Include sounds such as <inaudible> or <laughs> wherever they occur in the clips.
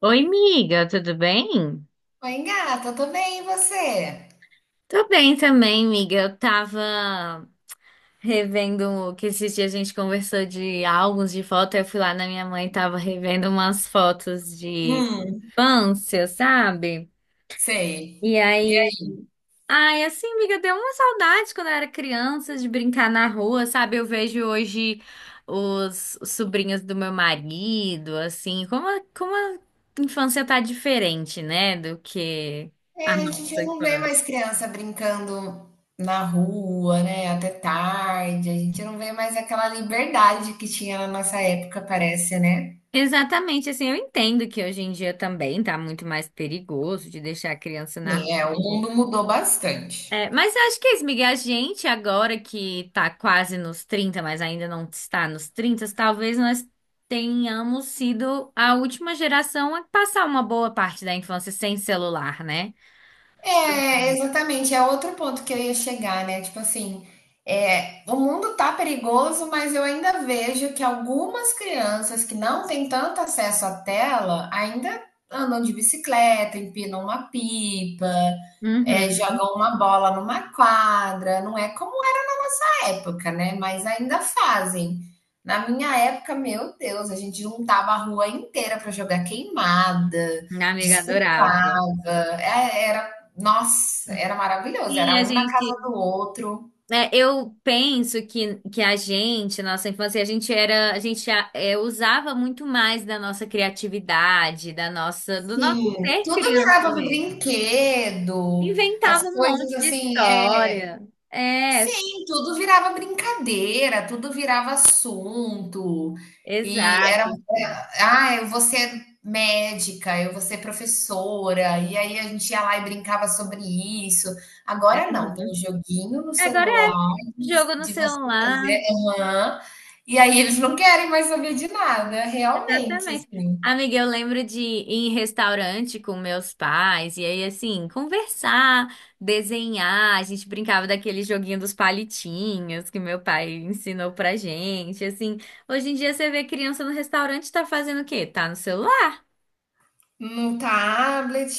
Oi, miga, tudo bem? Oi, gata, tô bem, e você? Tô bem também, miga. Eu tava revendo que esses dias a gente conversou de álbuns de foto. Eu fui lá na minha mãe e tava revendo umas fotos de Hum, infância, sabe? sei. E E aí, ai, assim, miga, deu uma saudade quando eu era criança de brincar na rua, sabe? Eu vejo hoje os sobrinhos do meu marido, assim, como a infância tá diferente, né, do que É, a a gente nossa não vê infância. mais criança brincando na rua, né? Até tarde. A gente não vê mais aquela liberdade que tinha na nossa época, parece, né? Exatamente, assim, eu entendo que hoje em dia também tá muito mais perigoso de deixar a criança na Sim, é, o rua. mundo mudou bastante. É, mas eu acho que é isso, Miguel, a gente agora que tá quase nos 30 mas ainda não está nos 30 talvez nós tenhamos sido a última geração a passar uma boa parte da infância sem celular, né? É, exatamente. É outro ponto que eu ia chegar, né? Tipo assim, é, o mundo tá perigoso, mas eu ainda vejo que algumas crianças que não têm tanto acesso à tela ainda andam de bicicleta, empinam uma pipa, é, Uhum. jogam uma bola numa quadra. Não é como era na nossa época, né? Mas ainda fazem. Na minha época, meu Deus, a gente juntava a rua inteira para jogar queimada, Minha amiga adorava. disputava. É, era nossa, era maravilhoso, Sim, a era um na casa gente do outro. É, eu penso que a gente, na nossa infância, a gente era, a gente a- é, usava muito mais da nossa criatividade, da nossa, do nosso Sim, ser tudo criança virava mesmo. brinquedo, Inventava as um coisas monte de assim, é história. É, sim, tudo virava brincadeira, tudo virava assunto, e era exato, sim. Ah, eu vou ser médica, eu vou ser professora, e aí a gente ia lá e brincava sobre isso. Agora não, tem um Uhum. joguinho no Agora celular é de jogo no você celular. fazer aham. E aí eles não querem mais saber de nada, realmente, Exatamente. assim. Amiga, eu lembro de ir em restaurante com meus pais e aí, assim, conversar, desenhar. A gente brincava daquele joguinho dos palitinhos que meu pai ensinou pra gente. Assim, hoje em dia você vê criança no restaurante tá fazendo o quê? Tá no celular, No tablet,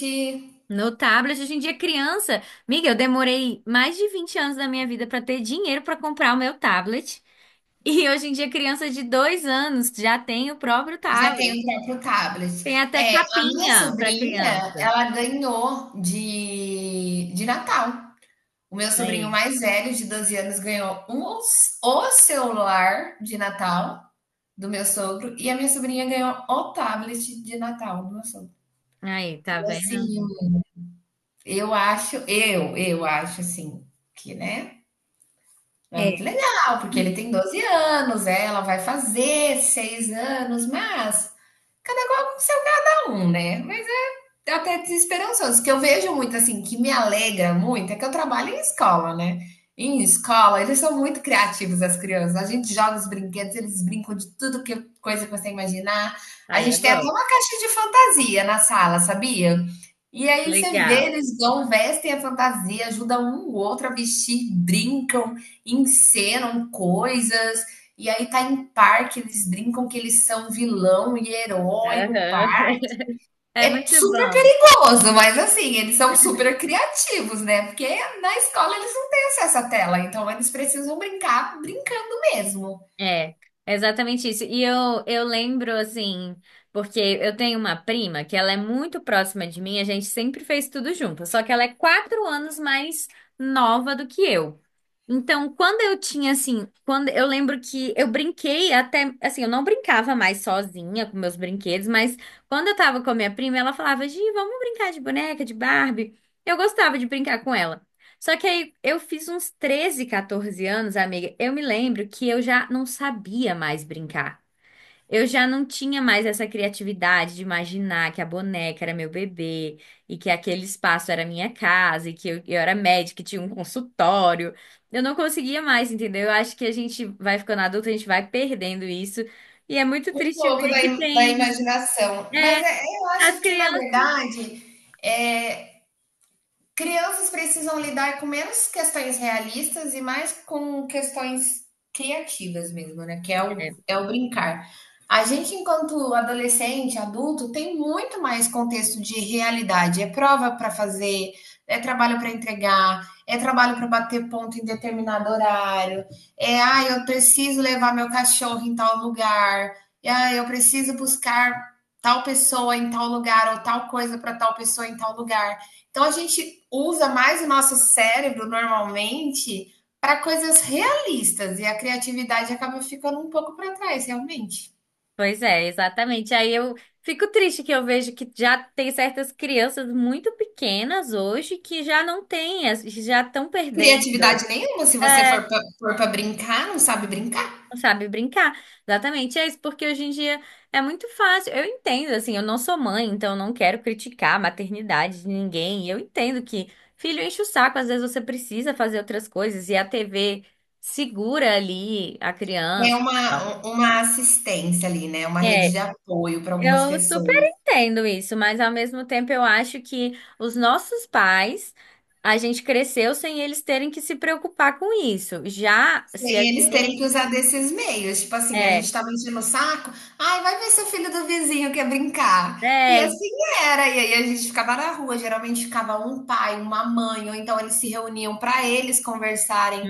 no tablet. Hoje em dia, criança. Amiga, eu demorei mais de 20 anos da minha vida pra ter dinheiro pra comprar o meu tablet. <laughs> E hoje em dia, criança de 2 anos já tem o próprio já tem tablet. o próprio tablet. Tem até É, a minha capinha para sobrinha, criança. ela ganhou de Natal. O meu sobrinho Aí, mais velho, de 12 anos, ganhou um, o celular de Natal do meu sogro e a minha sobrinha ganhou o tablet de Natal do meu sogro. aí, E tá vendo? assim, eu acho assim, que, né? É muito É. legal, porque ele tem 12 anos, é, ela vai fazer 6 anos, mas cada qual com seu cada um, né? Mas até desesperançoso, que eu vejo muito assim, que me alegra muito, é que eu trabalho em escola, né? Em escola, eles são muito criativos, as crianças. A gente joga os brinquedos, eles brincam de tudo que coisa que você imaginar. A Aí é gente tem até bom. uma caixa de fantasia na sala, sabia? E aí você vê, Legal. eles vão, vestem a fantasia, ajudam um o outro a vestir, brincam, encenam coisas. E aí tá em parque, eles brincam que eles são vilão e herói no Aham. parque. <laughs> É É muito super bom. perigoso, mas assim, eles são super criativos, né? Porque na escola eles não têm acesso à tela, então eles precisam brincar brincando mesmo. É, é, exatamente isso. E eu lembro, assim, porque eu tenho uma prima que ela é muito próxima de mim, a gente sempre fez tudo junto, só que ela é 4 anos mais nova do que eu. Então, quando eu tinha, assim, quando eu lembro que eu brinquei até, assim, eu não brincava mais sozinha com meus brinquedos, mas quando eu tava com a minha prima, ela falava, Gi, vamos brincar de boneca, de Barbie. Eu gostava de brincar com ela. Só que aí eu fiz uns 13, 14 anos, amiga. Eu me lembro que eu já não sabia mais brincar. Eu já não tinha mais essa criatividade de imaginar que a boneca era meu bebê e que aquele espaço era minha casa e que eu era médica e tinha um consultório. Eu não conseguia mais, entendeu? Eu acho que a gente vai ficando adulto, a gente vai perdendo isso. E é muito Um triste pouco ver da, que im- da tem, imaginação. Mas é, é- eu as acho que, na crianças. verdade, é, crianças precisam lidar com menos questões realistas e mais com questões criativas mesmo, né? Que é o, é, é o brincar. A gente, enquanto adolescente, adulto, tem muito mais contexto de realidade. É prova para fazer, é trabalho para entregar, é trabalho para bater ponto em determinado horário, é, ah, eu preciso levar meu cachorro em tal lugar, é, ah, eu preciso buscar tal pessoa em tal lugar ou tal coisa para tal pessoa em tal lugar. Então, a gente usa mais o nosso cérebro normalmente para coisas realistas e a criatividade acaba ficando um pouco para trás, realmente. Pois é, exatamente. Aí eu fico triste que eu vejo que já tem certas crianças muito pequenas hoje que já não têm, as- já estão perdendo, Criatividade nenhuma, se você é, for para brincar, não sabe brincar. não sabe brincar. Exatamente, é isso, porque hoje em dia é muito fácil. Eu entendo, assim, eu não sou mãe, então eu não quero criticar a maternidade de ninguém. Eu entendo que filho enche o saco, às vezes você precisa fazer outras coisas e a TV segura ali a É criança. E tal. Uma assistência ali, né? Uma rede de É, apoio para algumas eu super pessoas. entendo isso, mas ao mesmo tempo eu acho que os nossos pais, a gente cresceu sem eles terem que se preocupar com isso. Já se a E eles terem que gente usar desses meios. Tipo assim, a é, gente tava enchendo o saco. Ai, vai ver seu filho do vizinho quer brincar. E é, assim era. E aí a gente ficava na rua. Geralmente ficava um pai, uma mãe, ou então eles se reuniam para eles conversarem.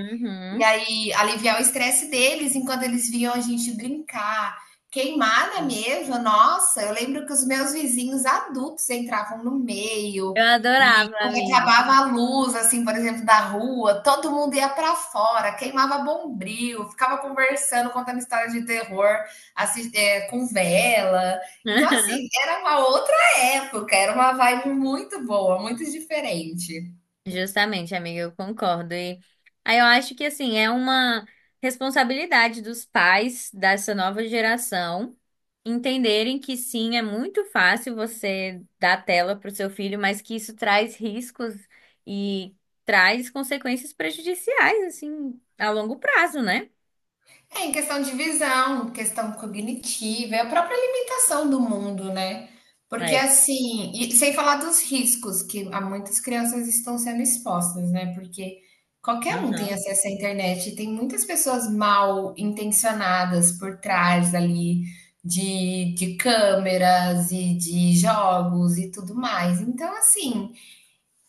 E aí aliviar o estresse deles enquanto eles viam a gente brincar. Queimada mesmo, nossa, eu lembro que os meus vizinhos adultos entravam no meio, Eu e adorava, quando amiga. acabava a luz, assim, por exemplo, da rua, todo mundo ia para fora, queimava bombril, ficava conversando, contando história de terror, assim, com vela. Então, <laughs> assim, era uma outra época, era uma vibe muito boa, muito diferente. Justamente, amiga, eu concordo. E aí eu acho que assim, é uma responsabilidade dos pais dessa nova geração entenderem que sim, é muito fácil você dar tela para o seu filho, mas que isso traz riscos e traz consequências prejudiciais, assim, a longo prazo, né? É em questão de visão, questão cognitiva, é a própria limitação do mundo, né? Porque É. assim, e sem falar dos riscos que há muitas crianças estão sendo expostas, né? Porque qualquer um tem Aham. acesso à internet, e tem muitas pessoas mal intencionadas por trás ali de câmeras e de jogos e tudo mais. Então, assim.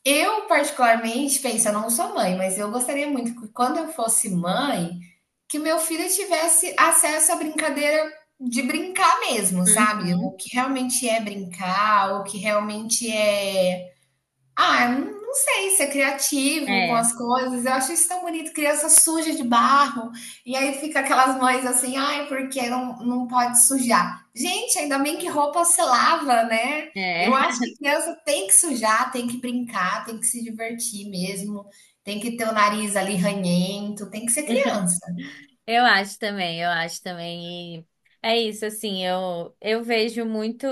Eu, particularmente, penso, eu não sou mãe, mas eu gostaria muito que quando eu fosse mãe, que meu filho tivesse acesso à brincadeira de brincar mesmo, sabe? O Uhum. que realmente é brincar, o que realmente é ah, não sei, ser criativo com É. as coisas. Eu acho isso tão bonito, criança suja de barro. E aí fica aquelas mães assim, ai, porque não, não pode sujar. Gente, ainda bem que roupa se lava, né? Eu É. acho que criança tem que sujar, tem que brincar, tem que se divertir mesmo, tem que ter o nariz ali ranhento, tem que ser <laughs> criança. Eu acho também, eu acho também. E é isso, assim, eu vejo muito,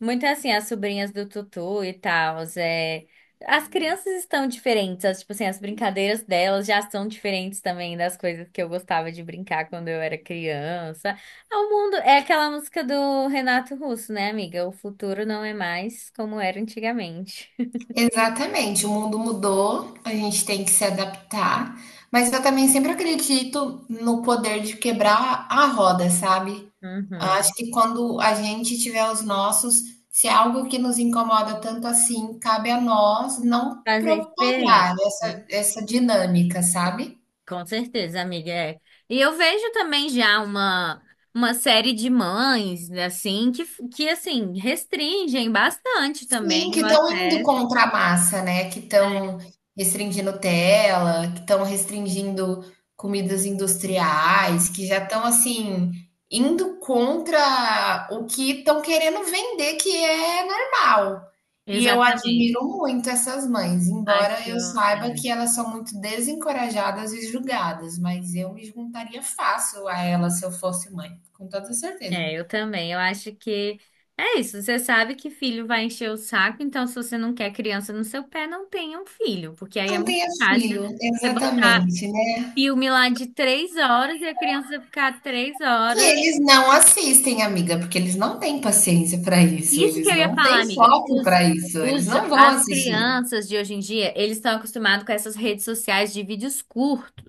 muito assim, as sobrinhas do Tutu e tal. É, as crianças estão diferentes, as, tipo assim, as brincadeiras delas já são diferentes também das coisas que eu gostava de brincar quando eu era criança. É o mundo, é aquela música do Renato Russo, né, amiga? O futuro não é mais como era antigamente. <laughs> Exatamente, o mundo mudou, a gente tem que se adaptar, mas eu também sempre acredito no poder de quebrar a roda, sabe? Acho Uhum. que quando a gente tiver os nossos, se é algo que nos incomoda tanto assim, cabe a nós não Fazer diferente. propagar essa dinâmica, sabe? Com certeza, amiga. É. E eu vejo também já uma série de mães, né, assim, que assim, restringem bastante também Sim, que o estão indo acesso. contra a massa, né, que É, estão restringindo tela, que estão restringindo comidas industriais, que já estão, assim, indo contra o que estão querendo vender, que é normal. E eu exatamente. admiro muito essas mães, embora Acho. eu É, saiba que elas são muito desencorajadas e julgadas, mas eu me juntaria fácil a elas se eu fosse mãe, com toda certeza. é, eu também. Eu acho que é isso. Você sabe que filho vai encher o saco, então se você não quer criança no seu pé, não tenha um filho, porque aí é Não muito tenha fácil filho, você botar exatamente, né. filme lá de 3 horas e a criança ficar três E horas. eles não assistem, amiga, porque eles não têm paciência para isso, Isso que eles eu ia não falar, têm amiga. foco Os, para isso, eles os, jo- não vão as assistir. crianças de hoje em dia, eles estão acostumados com essas redes sociais de vídeos curtos.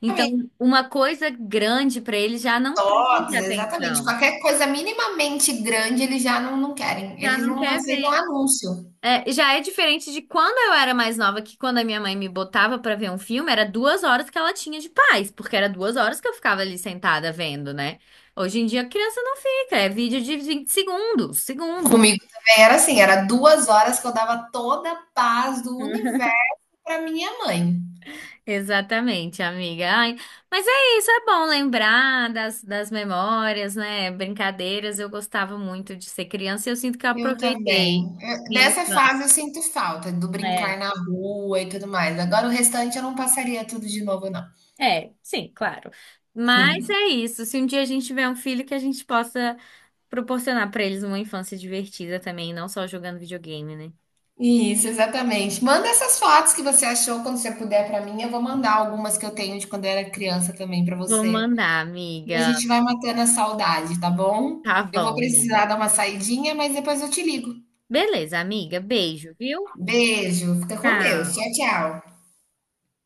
Então, Exatamente, uma coisa grande para eles já não prende toques, exatamente, atenção. qualquer coisa minimamente grande eles já não, não querem, Já eles não não quer ver. aceitam anúncio. É, já é diferente de quando eu era mais nova, que quando a minha mãe me botava para ver um filme, era 2 horas que ela tinha de paz, porque era 2 horas que eu ficava ali sentada vendo, né? Hoje em dia a criança não fica, é vídeo de 20 segundos, segundo. Comigo também era assim, era 2 horas que eu dava toda a paz do universo para minha mãe. Exatamente, amiga. Ai, mas é isso, é bom lembrar das memórias, né? Brincadeiras. Eu gostava muito de ser criança e eu sinto que eu Eu também. aproveitei. Eu- Sim, dessa fase eu sinto falta, do brincar é, na rua e tudo mais. Agora o restante eu não passaria tudo de novo, não. é, sim, claro. Mas é isso. Se um dia a gente tiver um filho, que a gente possa proporcionar para eles uma infância divertida também, não só jogando videogame, né? Isso, exatamente. Manda essas fotos que você achou quando você puder para mim. Eu vou mandar algumas que eu tenho de quando eu era criança também para Vou você. mandar, E a amiga. gente vai matando a saudade, tá bom? Tá Eu vou bom, precisar amiga. dar uma saidinha, mas depois eu te ligo. Beleza, amiga. Beijo, viu? Beijo, fica com Deus. Tchau, Tchau. tchau.